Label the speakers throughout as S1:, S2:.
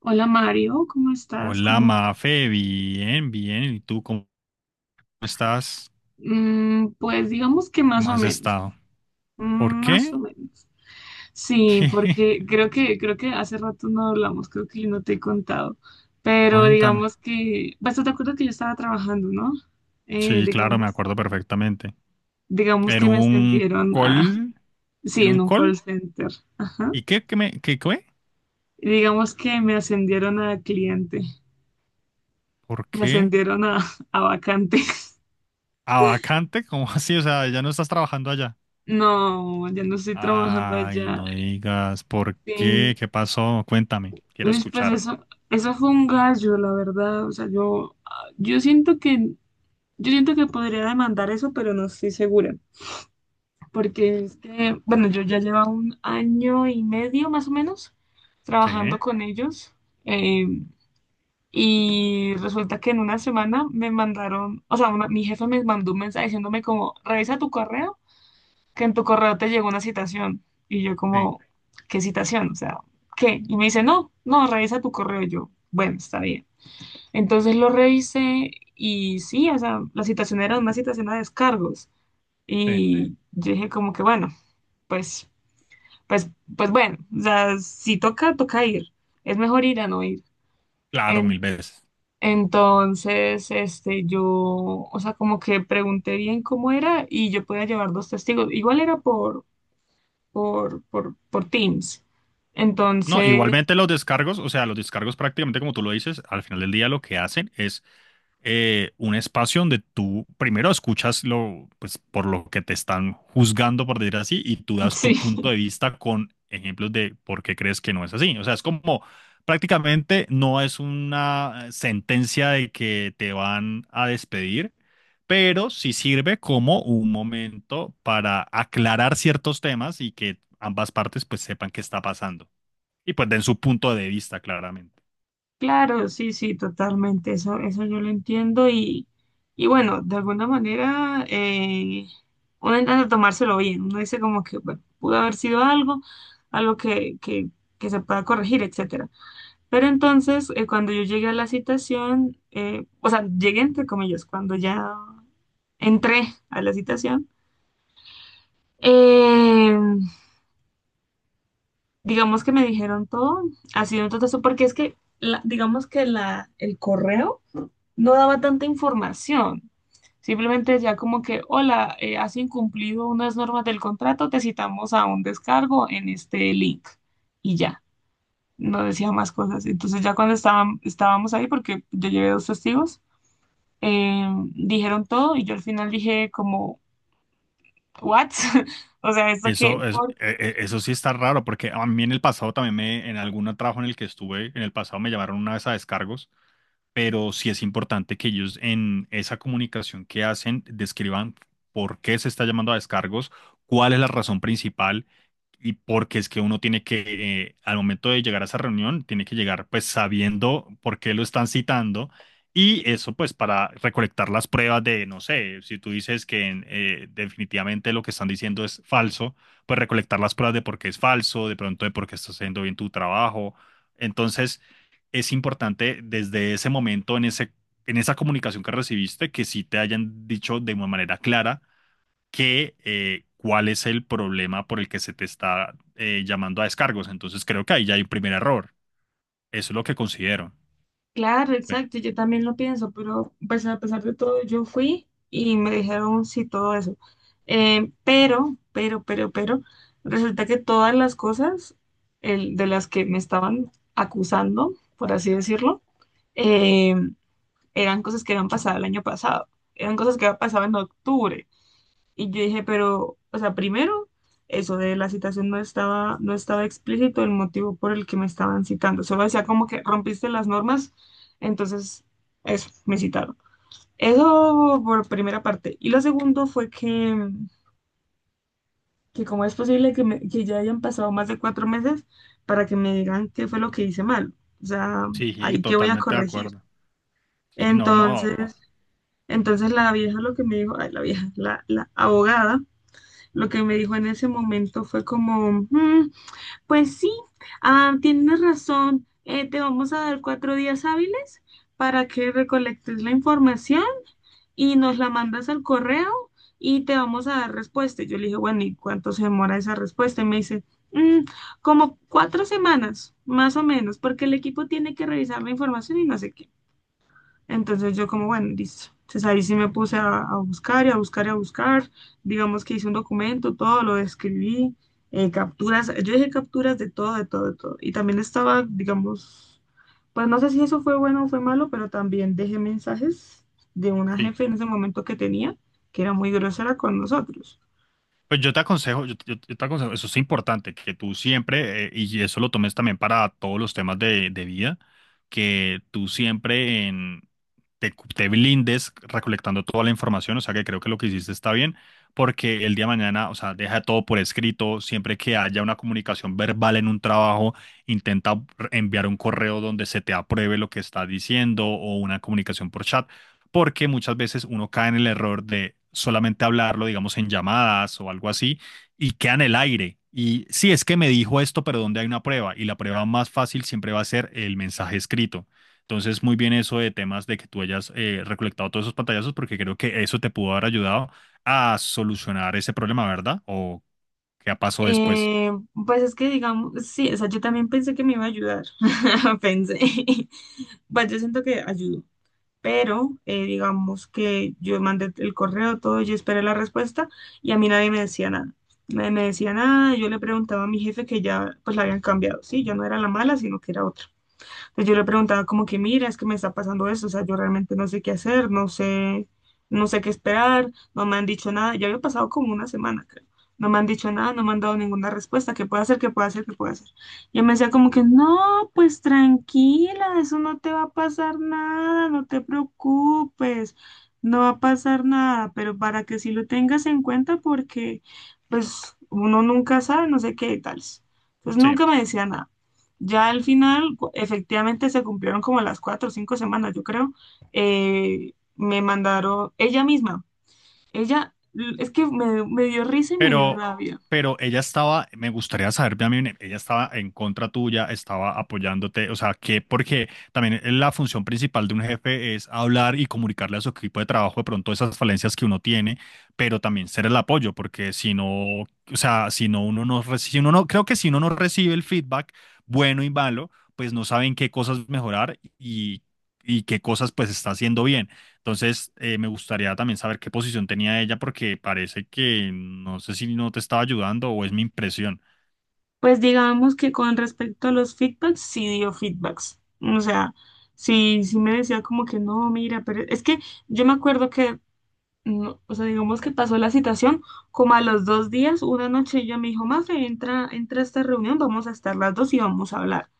S1: Hola Mario, ¿cómo estás?
S2: Hola,
S1: ¿Cómo?
S2: Mafe, bien, bien. ¿Y tú cómo estás?
S1: Pues digamos que más
S2: ¿Cómo
S1: o
S2: has
S1: menos.
S2: estado? ¿Por
S1: Más
S2: qué?
S1: o menos. Sí,
S2: ¿Qué?
S1: porque creo que hace rato no hablamos, creo que yo no te he contado, pero
S2: Cuéntame.
S1: digamos que, pues tú te acuerdas que yo estaba trabajando, ¿no? Eh,
S2: Sí, claro, me
S1: digamos,
S2: acuerdo perfectamente.
S1: digamos
S2: En
S1: que me
S2: un
S1: ascendieron a,
S2: call,
S1: sí,
S2: en
S1: en
S2: un
S1: un
S2: call.
S1: call center, ajá.
S2: ¿Y qué, qué?
S1: Y digamos que me ascendieron a cliente,
S2: ¿Por
S1: me
S2: qué?
S1: ascendieron a, vacante.
S2: ¿A vacante? ¿Cómo así? O sea, ya no estás trabajando allá.
S1: No, ya no estoy trabajando
S2: Ay,
S1: allá.
S2: no digas. ¿Por qué?
S1: Sí.
S2: ¿Qué pasó? Cuéntame. Quiero
S1: Uy, pues
S2: escuchar.
S1: eso fue un gallo, la verdad. O sea, yo siento que podría demandar eso, pero no estoy segura. Porque es que, bueno, yo ya llevo un año y medio más o menos trabajando
S2: Sí,
S1: con ellos. eh, y resulta que en una semana me mandaron, o sea, una- mi jefe me mandó un mensaje diciéndome como, revisa tu correo, que en tu correo te llegó una citación. Y yo
S2: sí,
S1: como, ¿qué citación? O sea, ¿qué? Y me dice, no, no, revisa tu correo. Y yo, bueno, está bien. Entonces lo revisé y sí, o sea, la situación era una situación a descargos.
S2: sí.
S1: Y yo dije como que bueno, pues, pues, pues bueno, o sea, si toca, toca ir. Es mejor ir a no ir.
S2: Claro,
S1: En-
S2: mil veces.
S1: entonces, este, yo, o sea, como que pregunté bien cómo era y yo podía llevar dos testigos. Igual era por, por Teams.
S2: No,
S1: Entonces,
S2: igualmente los descargos, o sea, los descargos prácticamente como tú lo dices, al final del día lo que hacen es un espacio donde tú primero escuchas lo, pues, por lo que te están juzgando, por decir así, y tú das tu
S1: sí.
S2: punto de vista con ejemplos de por qué crees que no es así. O sea, es como prácticamente no es una sentencia de que te van a despedir, pero sí sirve como un momento para aclarar ciertos temas y que ambas partes pues sepan qué está pasando y pues den su punto de vista, claramente.
S1: Claro, sí, sí, totalmente, eso yo lo entiendo y bueno, de alguna manera uno intenta tomárselo bien, uno dice como que bueno, pudo haber sido algo, algo que se pueda corregir, etcétera. Pero entonces, cuando yo llegué a la citación, o sea, llegué entre comillas, cuando ya entré a la citación, eh, digamos que me dijeron todo, ha sido un totazo, porque es que, digamos que la, el correo no daba tanta información. Simplemente decía como que, hola, has incumplido unas normas del contrato, te citamos a un descargo en este link. Y ya, no decía más cosas. Entonces ya cuando estaban, estábamos ahí, porque yo llevé dos testigos, eh, dijeron todo y yo al final dije como, ¿what? O sea, esto que,
S2: Eso, es, e- e- eso sí está raro, porque a mí en el pasado también me, en algún trabajo en el que estuve, en el pasado me llamaron una vez a descargos, pero sí es importante que ellos en esa comunicación que hacen describan por qué se está llamando a descargos, cuál es la razón principal y porque es que uno tiene que, al momento de llegar a esa reunión, tiene que llegar pues sabiendo por qué lo están citando y eso pues para recolectar las pruebas de, no sé, si tú dices que definitivamente lo que están diciendo es falso, pues recolectar las pruebas de por qué es falso, de pronto de por qué estás haciendo bien tu trabajo. Entonces, es importante desde ese momento En esa comunicación que recibiste, que sí te hayan dicho de una manera clara que cuál es el problema por el que se te está llamando a descargos. Entonces creo que ahí ya hay un primer error. Eso es lo que considero.
S1: claro,
S2: No sé.
S1: exacto, yo también lo pienso, pero pues a pesar de todo yo fui y me dijeron sí todo eso. Pero, resulta que todas las cosas de las que me estaban acusando, por así decirlo, eh, eran cosas que habían pasado el año pasado, eran cosas que habían pasado en octubre. Y yo dije, pero, o sea, primero, eso de la citación no estaba explícito el motivo por el que me estaban citando. Solo decía como que rompiste las normas, entonces, eso, me citaron. Eso por primera parte. Y lo segundo fue que cómo es posible que, que ya hayan pasado más de 4 meses para que me digan qué fue lo que hice mal. O sea,
S2: Sí, sí,
S1: ahí qué voy a
S2: totalmente de
S1: corregir.
S2: acuerdo. Sí, no, no.
S1: Entonces, entonces la vieja lo que me dijo, ay, la vieja, la abogada lo que me dijo en ese momento fue como, "Mm, pues sí, tienes razón, te vamos a dar 4 días hábiles para que recolectes la información y nos la mandas al correo y te vamos a dar respuesta. Y yo le dije, bueno, ¿y cuánto se demora esa respuesta? Y me dice, "Mm, como 4 semanas, más o menos, porque el equipo tiene que revisar la información y no sé qué. Entonces yo como, bueno, listo. Entonces ahí sí me puse a buscar y a buscar y a buscar. Digamos que hice un documento, todo lo escribí, capturas, yo dije capturas de todo, de todo, de todo. Y también estaba, digamos, pues no sé si eso fue bueno o fue malo, pero también dejé mensajes de una
S2: Sí.
S1: jefe en ese momento que tenía, que era muy grosera con nosotros.
S2: Pues yo te aconsejo, yo te aconsejo, eso es importante, que tú siempre, y eso lo tomes también para todos los temas de vida, que tú siempre te blindes recolectando toda la información, o sea que creo que lo que hiciste está bien, porque el día de mañana, o sea, deja todo por escrito, siempre que haya una comunicación verbal en un trabajo, intenta enviar un correo donde se te apruebe lo que estás diciendo o una comunicación por chat porque muchas veces uno cae en el error de solamente hablarlo, digamos, en llamadas o algo así, y queda en el aire. Y sí, es que me dijo esto, pero ¿dónde hay una prueba? Y la prueba más fácil siempre va a ser el mensaje escrito. Entonces, muy bien eso de temas de que tú hayas recolectado todos esos pantallazos, porque creo que eso te pudo haber ayudado a solucionar ese problema, ¿verdad? ¿O qué pasó después?
S1: Eh, pues es que digamos, sí, o sea, yo también pensé que me iba a ayudar, pensé, pues yo siento que ayudó, pero digamos que yo mandé el correo, todo, yo esperé la respuesta y a mí nadie me decía nada. Nadie me decía nada, yo le preguntaba a mi jefe que ya pues la habían cambiado, sí, yo no era la mala, sino que era otra. Pues yo le preguntaba como que, mira, es que me está pasando eso, o sea, yo realmente no sé qué hacer, no sé, no sé qué esperar, no me han dicho nada, ya había pasado como una semana, creo. No me han dicho nada, no me han dado ninguna respuesta, ¿qué puedo hacer, qué puedo hacer, qué puedo hacer? Y él me decía como que, no, pues tranquila, eso no te va a pasar nada, no te preocupes, no va a pasar nada, pero para que sí lo tengas en cuenta porque, pues, uno nunca sabe, no sé qué y tales. Pues
S2: Sí.
S1: nunca me decía nada. Ya al final, efectivamente, se cumplieron como las 4 o 5 semanas, yo creo. Me mandaron ella misma. Ella, es que me dio risa y me dio
S2: Pero,
S1: rabia.
S2: pero ella estaba, me gustaría saber, también, ella estaba en contra tuya, estaba apoyándote, o sea, que porque también la función principal de un jefe es hablar y comunicarle a su equipo de trabajo de pronto esas falencias que uno tiene, pero también ser el apoyo, porque si no, o sea, si no uno no recibe, si uno no, creo que si uno no recibe el feedback bueno y malo, pues no saben qué cosas mejorar y qué cosas pues está haciendo bien. Entonces, me gustaría también saber qué posición tenía ella porque parece que no sé si no te estaba ayudando o es mi impresión.
S1: Pues digamos que con respecto a los feedbacks, sí dio feedbacks. O sea, sí, sí me decía como que no, mira, pero es que yo me acuerdo que, no, o sea, digamos que pasó la citación como a los 2 días, una noche ella me dijo, Mafe, entra, entra a esta reunión, vamos a estar las dos y vamos a hablar.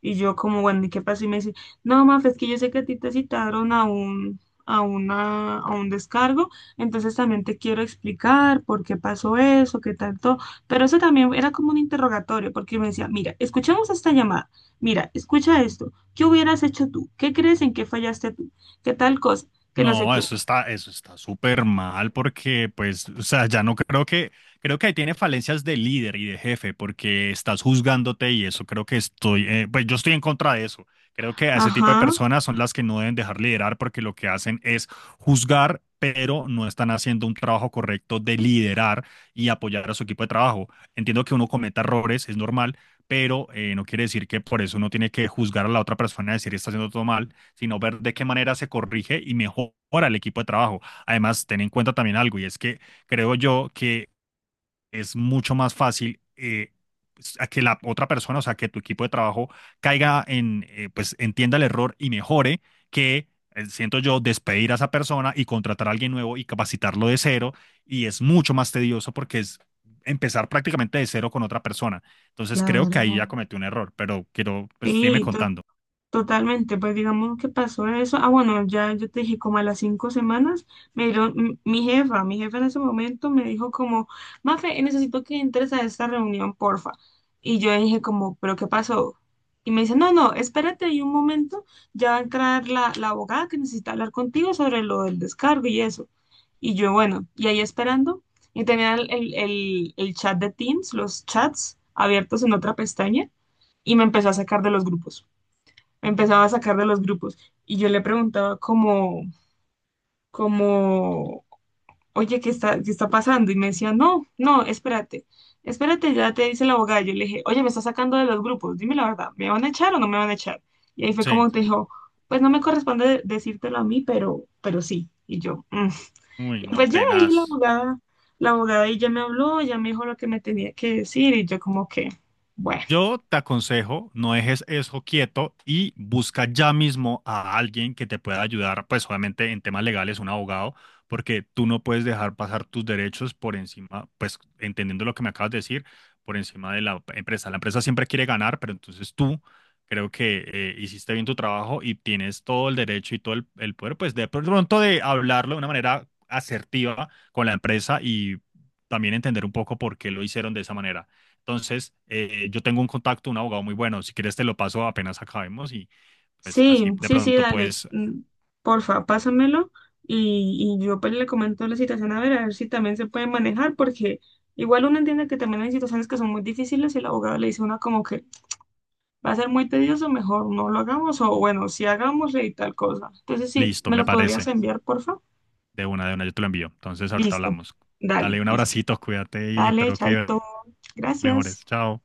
S1: Y yo como, bueno, ¿y qué pasó? Y me dice, no, Maf, es que yo sé que a ti te citaron a un, a una, a un descargo, entonces también te quiero explicar por qué pasó eso, qué tanto. Pero eso también era como un interrogatorio, porque me decía, mira, escuchamos esta llamada, mira, escucha esto, ¿qué hubieras hecho tú? ¿Qué crees en qué fallaste tú? ¿Qué tal cosa? Que no sé
S2: No,
S1: qué.
S2: eso está súper mal porque, pues, o sea, ya no creo que, creo que ahí tiene falencias de líder y de jefe porque estás juzgándote y eso creo que estoy, pues yo estoy en contra de eso. Creo que a ese tipo de
S1: Ajá,
S2: personas son las que no deben dejar liderar porque lo que hacen es juzgar, pero no están haciendo un trabajo correcto de liderar y apoyar a su equipo de trabajo. Entiendo que uno cometa errores, es normal, pero no quiere decir que por eso uno tiene que juzgar a la otra persona y decir está haciendo todo mal sino ver de qué manera se corrige y mejora el equipo de trabajo. Además, ten en cuenta también algo, y es que creo yo que es mucho más fácil pues, a que la otra persona, o sea, que tu equipo de trabajo caiga en, pues entienda el error y mejore, que siento yo despedir a esa persona y contratar a alguien nuevo y capacitarlo de cero, y es mucho más tedioso porque es empezar prácticamente de cero con otra persona. Entonces creo que ahí ya
S1: claro.
S2: cometí un error, pero quiero, pues sígueme
S1: Sí,
S2: contando.
S1: totalmente, pues digamos que pasó eso. Ah, bueno, ya yo te dije, como a las 5 semanas, me dieron, mi jefa, en ese momento me dijo como, Mafe, necesito que entres a esta reunión, porfa. Y yo dije como, ¿pero qué pasó? Y me dice, no, no, espérate ahí un momento, ya va a entrar la, la abogada que necesita hablar contigo sobre lo del descargo y eso. Y yo, bueno, y ahí esperando, y tenía el chat de Teams, los chats abiertos en otra pestaña, y me empezaba a sacar de los grupos y yo le preguntaba como, oye, qué está pasando? Y me decía, no, no, espérate, espérate, ya te dice la abogada. Yo le dije, oye, me está sacando de los grupos, dime la verdad, ¿me van a echar o no me van a echar? Y ahí fue
S2: Sí,
S1: como te dijo, pues no me corresponde decírtelo a mí, pero sí. Y yo, "Mm".
S2: uy,
S1: Y
S2: no,
S1: pues ya ahí
S2: tenaz.
S1: la abogada y ya me habló, ya me dijo lo que me tenía que decir y yo como que, bueno.
S2: Yo te aconsejo, no dejes eso quieto y busca ya mismo a alguien que te pueda ayudar, pues obviamente en temas legales, un abogado, porque tú no puedes dejar pasar tus derechos por encima, pues entendiendo lo que me acabas de decir, por encima de la empresa. La empresa siempre quiere ganar, pero entonces tú creo que hiciste bien tu trabajo y tienes todo el derecho y todo el poder, pues de pronto de hablarlo de una manera asertiva con la empresa y también entender un poco por qué lo hicieron de esa manera. Entonces, yo tengo un contacto, un abogado muy bueno. Si quieres, te lo paso apenas acabemos y pues
S1: Sí,
S2: así de
S1: sí, sí,
S2: pronto,
S1: dale.
S2: pues
S1: Porfa pásamelo y yo pues le comento la situación a ver si también se puede manejar, porque igual uno entiende que también hay situaciones que son muy difíciles y el abogado le dice a uno como que va a ser muy tedioso, mejor no lo hagamos o bueno, si hagamos y tal cosa. Entonces sí,
S2: listo,
S1: ¿me
S2: me
S1: lo podrías
S2: parece.
S1: enviar, porfa?
S2: De una, yo te lo envío. Entonces, ahorita
S1: Listo.
S2: hablamos.
S1: Dale,
S2: Dale un
S1: listo.
S2: abracito, cuídate y
S1: Dale,
S2: espero que
S1: chaito. Gracias.
S2: mejores. Chao.